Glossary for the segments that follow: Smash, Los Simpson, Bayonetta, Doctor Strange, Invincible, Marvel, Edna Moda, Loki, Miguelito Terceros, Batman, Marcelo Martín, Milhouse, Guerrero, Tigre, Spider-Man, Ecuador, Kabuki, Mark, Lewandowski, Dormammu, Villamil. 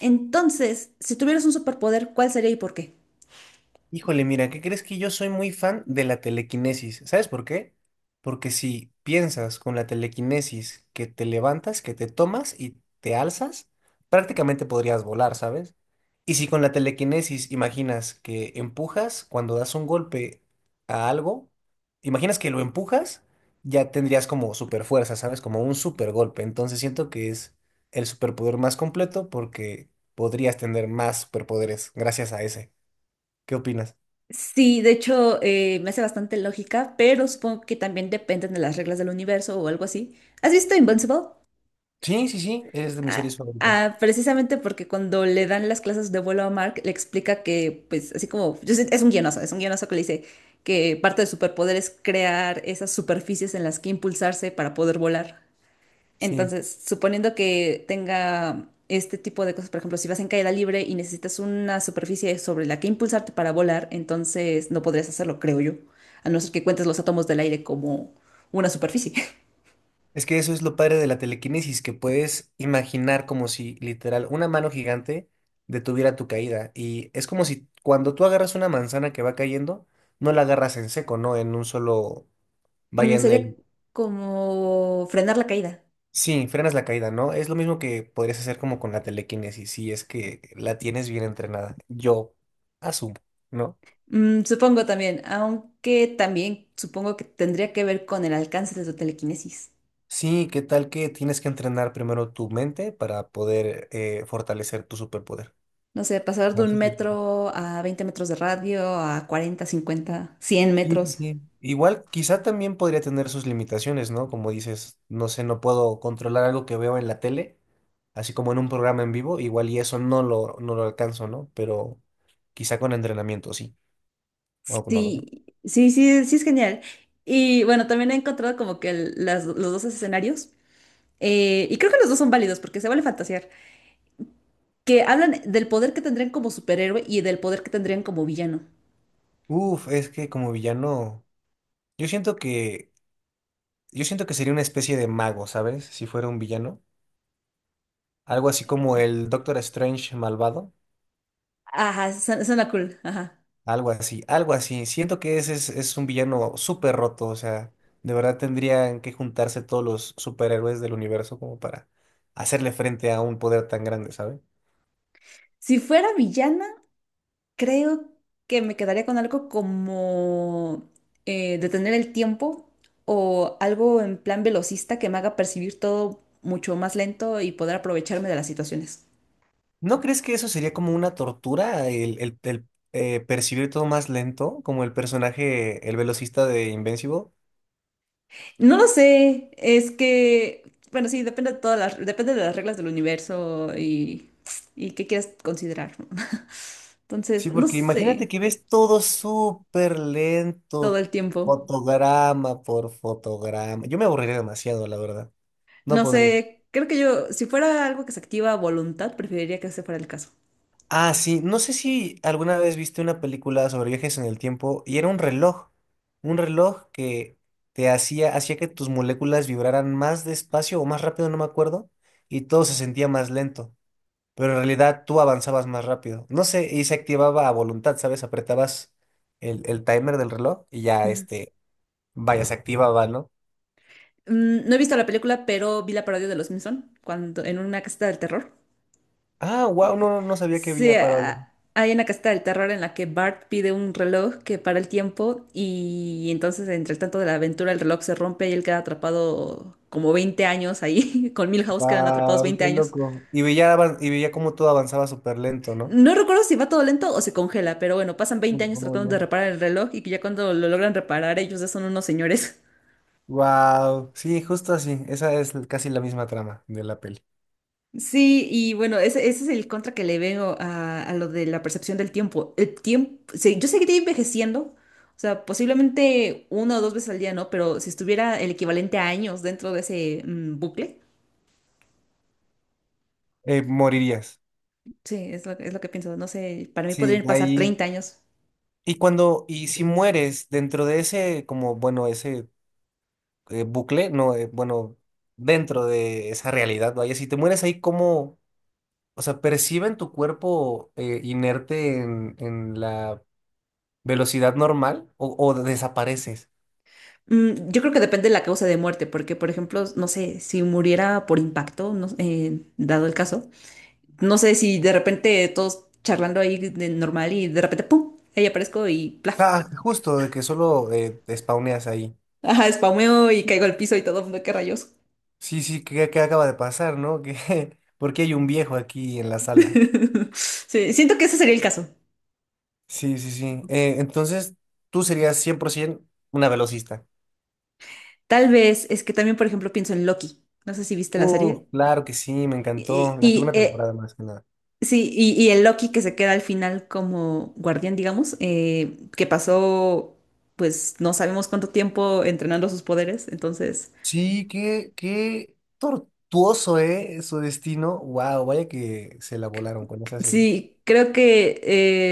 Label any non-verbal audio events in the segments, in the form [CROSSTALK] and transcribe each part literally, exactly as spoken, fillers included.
Entonces, si tuvieras un superpoder, ¿cuál sería y por qué? Híjole, mira, ¿qué crees que yo soy muy fan de la telequinesis? ¿Sabes por qué? Porque si piensas con la telequinesis que te levantas, que te tomas y te alzas, prácticamente podrías volar, ¿sabes? Y si con la telequinesis imaginas que empujas cuando das un golpe a algo, imaginas que lo empujas, ya tendrías como super fuerza, ¿sabes? Como un super golpe. Entonces siento que es el superpoder más completo porque podrías tener más superpoderes gracias a ese. ¿Qué opinas? Sí, de hecho, eh, me hace bastante lógica, pero supongo que también dependen de las reglas del universo o algo así. ¿Has visto Invincible? Sí, sí, sí, es de mis Ah, series favoritas. ah, precisamente porque cuando le dan las clases de vuelo a Mark, le explica que, pues, así como, yo sé- es un guionazo, es un guionazo que le dice que parte del superpoder es crear esas superficies en las que impulsarse para poder volar. Sí. Entonces, suponiendo que tenga este tipo de cosas, por ejemplo, si vas en caída libre y necesitas una superficie sobre la que impulsarte para volar, entonces no podrías hacerlo, creo yo, a no ser que cuentes los átomos del aire como una superficie. [LAUGHS] Es que eso es lo padre de la telequinesis, que puedes imaginar como si literal una mano gigante detuviera tu caída. Y es como si cuando tú agarras una manzana que va cayendo, no la agarras en seco, ¿no? En un solo… Vaya Mm, en Sería el… como frenar la caída. Sí, frenas la caída, ¿no? Es lo mismo que podrías hacer como con la telequinesis, si es que la tienes bien entrenada. Yo asumo, ¿no? Mm, supongo también, aunque también supongo que tendría que ver con el alcance de tu telequinesis. Sí, ¿qué tal que tienes que entrenar primero tu mente para poder eh, fortalecer tu superpoder? No sé, pasar de No un sé si- metro a veinte metros de radio, a cuarenta, cincuenta, cien Sí, sí, metros. sí. Igual, quizá también podría tener sus limitaciones, ¿no? Como dices, no sé, no puedo controlar algo que veo en la tele, así como en un programa en vivo, igual y eso no lo, no lo alcanzo, ¿no? Pero quizá con entrenamiento, sí. O no lo sé. Sí, sí, sí, sí es genial. Y bueno, también he encontrado como que el- las- los dos escenarios, eh, y creo que los dos son válidos porque se vale fantasear, que hablan del poder que tendrían como superhéroe y del poder que tendrían como villano. Uf, es que como villano, yo siento que, yo siento que sería una especie de mago, ¿sabes? Si fuera un villano. Algo así como el Doctor Strange malvado. Ajá, su- suena cool, ajá. Algo así, algo así. Siento que ese es, es un villano súper roto, o sea, de verdad tendrían que juntarse todos los superhéroes del universo como para hacerle frente a un poder tan grande, ¿sabes? Si fuera villana, creo que me quedaría con algo como eh, detener el tiempo o algo en plan velocista que me haga percibir todo mucho más lento y poder aprovecharme de las situaciones. ¿No crees que eso sería como una tortura, el, el- el, eh, percibir todo más lento, como el personaje, el velocista de Invincible? No lo sé, es que, bueno, sí, depende de todas las, depende de las reglas del universo y, y qué quieras considerar, ¿no? [LAUGHS] Sí, Entonces, no porque sé, imagínate que ves todo súper todo lento, el tiempo. fotograma por fotograma. Yo me aburriría demasiado, la verdad. No No podría. sé, creo que yo, si fuera algo que se activa a voluntad, preferiría que ese fuera el caso. Ah, sí, no sé si alguna vez viste una película sobre viajes en el tiempo y era un reloj, un reloj que te hacía, hacía que tus moléculas vibraran más despacio o más rápido, no me acuerdo, y todo se sentía más lento, pero en realidad tú avanzabas más rápido, no sé, y se activaba a voluntad, ¿sabes? Apretabas el, el timer del reloj y ya Ujú. este, vaya, se activaba, ¿no? Mm, No he visto la película, pero vi la parodia de Los Simpson cuando en una caseta del terror. Ah, wow, no, no sabía que Sí, había parado. a- hay una casita del terror en la que Bart pide un reloj que para el tiempo y entonces entre el tanto de la aventura el reloj se rompe y él queda atrapado como veinte años ahí, [LAUGHS] con Milhouse quedan atrapados Wow, veinte qué años. loco. Y veía, avan- y veía cómo todo avanzaba súper lento, ¿no? No recuerdo si va todo lento o se congela, pero bueno, pasan veinte años Oh, tratando de ya. reparar el reloj y que ya cuando lo logran reparar ellos ya son unos señores. Wow, sí, justo así. Esa es casi la misma trama de la peli. Sí, y bueno, ese, ese es el contra que le veo a, a, lo de la percepción del tiempo. El tiempo, sí, yo seguiría envejeciendo, o sea, posiblemente una o dos veces al día, ¿no? Pero si estuviera el equivalente a años dentro de ese mm, bucle, Eh, morirías. sí, es lo, es lo que pienso. No sé, para mí Sí, podrían pasar ahí. treinta años. Y cuando, y si mueres dentro de ese, como, bueno, ese eh, bucle, no, eh, bueno, dentro de esa realidad, vaya, si te mueres ahí, ¿cómo? O sea, ¿perciben tu cuerpo eh, inerte en, en la velocidad normal o, o desapareces? Mm, yo creo que depende de la causa de muerte, porque, por ejemplo, no sé, si muriera por impacto, no, eh, dado el caso, no sé si de repente todos charlando ahí de normal y de repente, ¡pum! Ahí aparezco y ¡plaf! Ah, justo, de que solo eh, te spawneas ahí. Ajá, spameo y caigo al piso y todo el mundo, qué rayos. Sí, sí, ¿qué, qué acaba de pasar, no? ¿Qué, [LAUGHS] por qué hay un viejo aquí en la sala? [LAUGHS] Sí, siento que ese sería el caso. Sí, sí, sí. Eh, entonces, tú serías cien por ciento una velocista. Tal vez es que también, por ejemplo, pienso en Loki. No sé si viste la Uh, serie. claro que sí, me Y, encantó. La que y, una eh, temporada más que nada. sí, y, y el Loki que se queda al final como guardián, digamos, eh, que pasó, pues no sabemos cuánto tiempo entrenando sus poderes. Entonces, Sí, qué, qué tortuoso, ¿eh? Su destino. Wow, vaya que se la volaron con esa serie. sí, creo que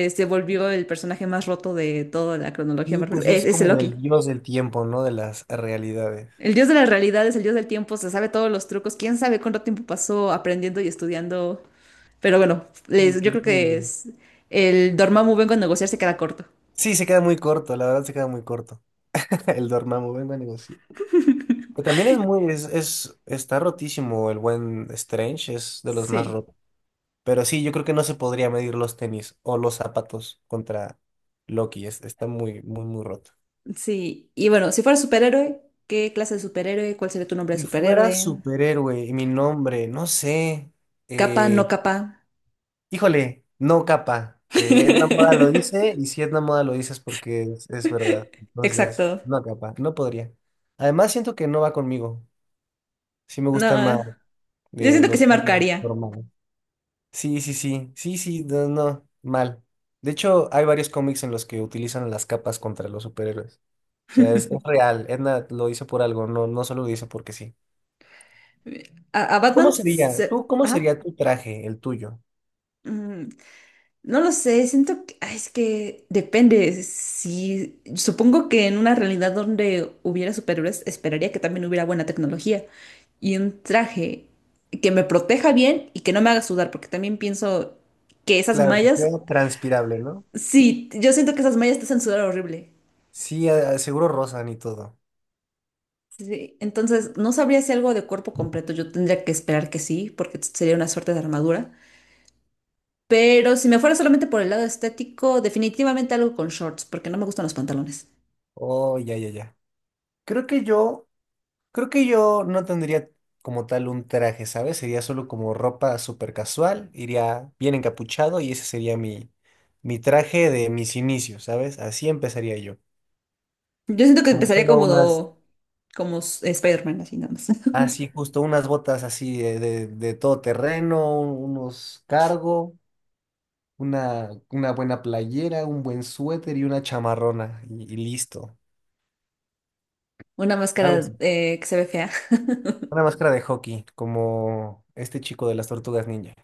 eh, se volvió el personaje más roto de toda la cronología Sí, Marvel. pues Es, es es el como Loki. el dios del tiempo, ¿no? De las realidades. El dios de las realidades, el dios del tiempo, se sabe todos los trucos. Quién sabe cuánto tiempo pasó aprendiendo y estudiando. Pero bueno, Sí, les- yo qué creo que increíble. es el Dormammu vengo a negociar se queda corto. Sí, se queda muy corto, la verdad se queda muy corto. [LAUGHS] El Dormammu, vengo a negociar. Que también es muy, es, es- está rotísimo el buen Strange, es de los más Sí. rotos. Pero sí, yo creo que no se podría medir los tenis o los zapatos contra Loki, es- está muy, muy, muy roto. Sí, y bueno, si fuera superhéroe, ¿qué clase de superhéroe? ¿Cuál sería tu nombre de Si fuera superhéroe? superhéroe y mi nombre, no sé, ¿Capa, no eh, capa? híjole, no capa. Eh, Edna Moda lo dice [LAUGHS] y si Edna Moda lo dice es porque es, es verdad. Entonces, Exacto. no capa, no podría. Además, siento que no va conmigo. Sí me No, gustan más yo de siento que los se trajes marcaría. normales. Sí, sí, sí, sí, sí, no, no, mal. De hecho, hay varios cómics en los que utilizan las capas contra los superhéroes. O sea, es, es [LAUGHS] real, Edna lo hizo por algo, no, no solo lo hizo porque sí. A, a ¿Cómo Batman sería? se... ¿Tú, cómo Ajá. sería tu traje, el tuyo? Mm, No lo sé, siento que ay, es que depende. Si supongo que en una realidad donde hubiera superhéroes, esperaría que también hubiera buena tecnología y un traje que me proteja bien y que no me haga sudar, porque también pienso que esas Claro, que sea mallas, transpirable, ¿no? sí, yo siento que esas mallas te hacen sudar horrible. Sí, a- a- seguro rozan y todo. Sí, entonces no sabría si algo de cuerpo completo, yo tendría que esperar que sí, porque sería una suerte de armadura. Pero si me fuera solamente por el lado estético, definitivamente algo con shorts, porque no me gustan los pantalones. Oh, ya, ya, ya. Creo que yo Creo que yo no tendría como tal un traje, ¿sabes? Sería solo como ropa súper casual, iría bien encapuchado y ese sería mi, mi traje de mis inicios, ¿sabes? Así empezaría yo. Yo siento que Como empezaría solo unas, como, como s- Spider-Man, así nada más. [LAUGHS] así justo, unas botas así de, de, de todo terreno, unos cargo, una, una buena playera, un buen suéter y una chamarrona y, y listo. Una Algo máscara así. eh, que se ve fea. [LAUGHS] Una máscara de hockey, como este chico de las tortugas ninja.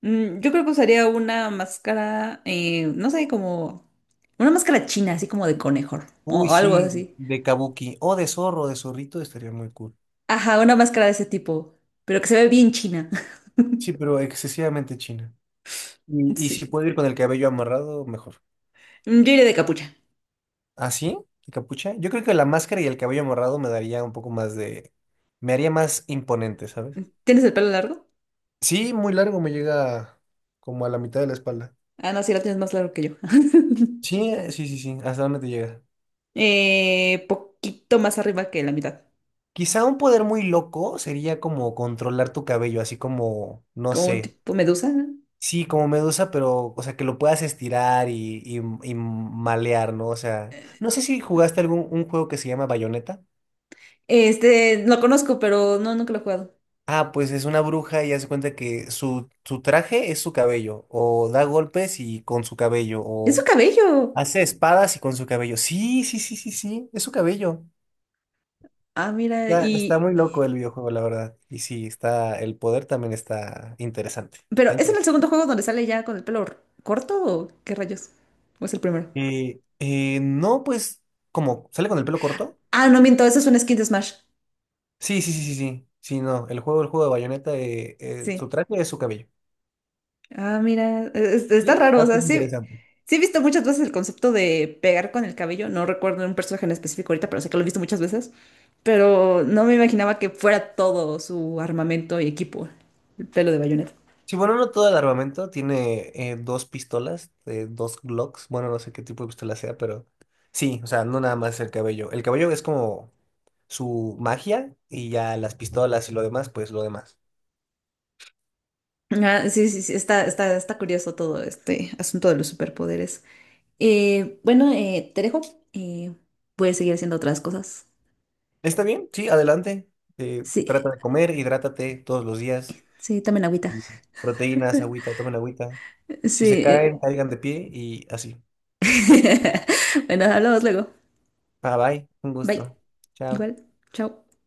Mm, Yo creo que usaría una máscara, eh, no sé, como una máscara china, así como de conejo o, Uy, o algo sí, así. de Kabuki o de zorro, de zorrito, estaría muy cool. Ajá, una máscara de ese tipo, pero que se ve bien china. Sí, pero excesivamente china. [LAUGHS] Y, y si Sí. puedo ir con el cabello amarrado, mejor. Mm, Yo iría de capucha. ¿Ah, sí? ¿Y capucha? Yo creo que la máscara y el cabello amarrado me daría un poco más de… Me haría más imponente, ¿sabes? ¿Tienes el pelo largo? Sí, muy largo, me llega como a la mitad de la espalda. Ah, no, sí, lo tienes más largo que yo. [LAUGHS] Sí, eh, sí, sí, sí, ¿hasta dónde te llega? Eh, poquito más arriba que la mitad, Quizá un poder muy loco sería como controlar tu cabello, así como, no como un sé, tipo medusa. Sí, como medusa, pero, o sea, que lo puedas estirar y, y, y malear, ¿no? O sea, no sé si jugaste algún un juego que se llama Bayonetta. Este, lo conozco, pero no, nunca lo he jugado. Ah, pues es una bruja y hace cuenta que su, su traje es su cabello, o da golpes y con su cabello, ¡Es su o cabello! hace espadas y con su cabello. Sí, sí, sí, sí, sí, es su cabello. Ah, mira. Está, está y... muy y- loco el videojuego, la verdad. Y sí, está, el poder también está interesante. Pero, Está ¿es en el interesante. segundo juego donde sale ya con el pelo r- corto o qué rayos? ¿O es el primero? Eh, eh, no, pues, como, ¿sale con el pelo corto? Ah, no miento, eso es un skin de Smash. Sí, sí, sí, sí, sí. Sí, no. El juego, el juego de Bayonetta, eh, eh, su Sí. traje es su cabello. Ah, mira, es- está Sí, raro, o sea, datos sí, interesantes. sí he visto muchas veces el concepto de pegar con el cabello, no recuerdo un personaje en específico ahorita, pero sé que lo he visto muchas veces, pero no me imaginaba que fuera todo su armamento y equipo, el pelo de Bayonetta. Sí, bueno, no todo el armamento. Tiene eh, dos pistolas, eh, dos Glocks. Bueno, no sé qué tipo de pistola sea, pero sí, o sea, no nada más el cabello. El cabello es como su magia y ya las pistolas y lo demás, pues lo demás. Ah, sí, sí, sí, está, está, está curioso todo este asunto de los superpoderes. Eh, bueno, eh, te dejo. Eh, Puedes seguir haciendo otras cosas. ¿Está bien? Sí, adelante. Eh, Sí, Trata de comer, hidrátate todos los días. sí, también agüita. Proteínas, agüita, tomen agüita. [LAUGHS] Sí. Si se eh. caen, caigan de pie y así. [LAUGHS] Bueno, hablamos luego. Bye bye, un Bye. gusto. Chao. Igual. Chao.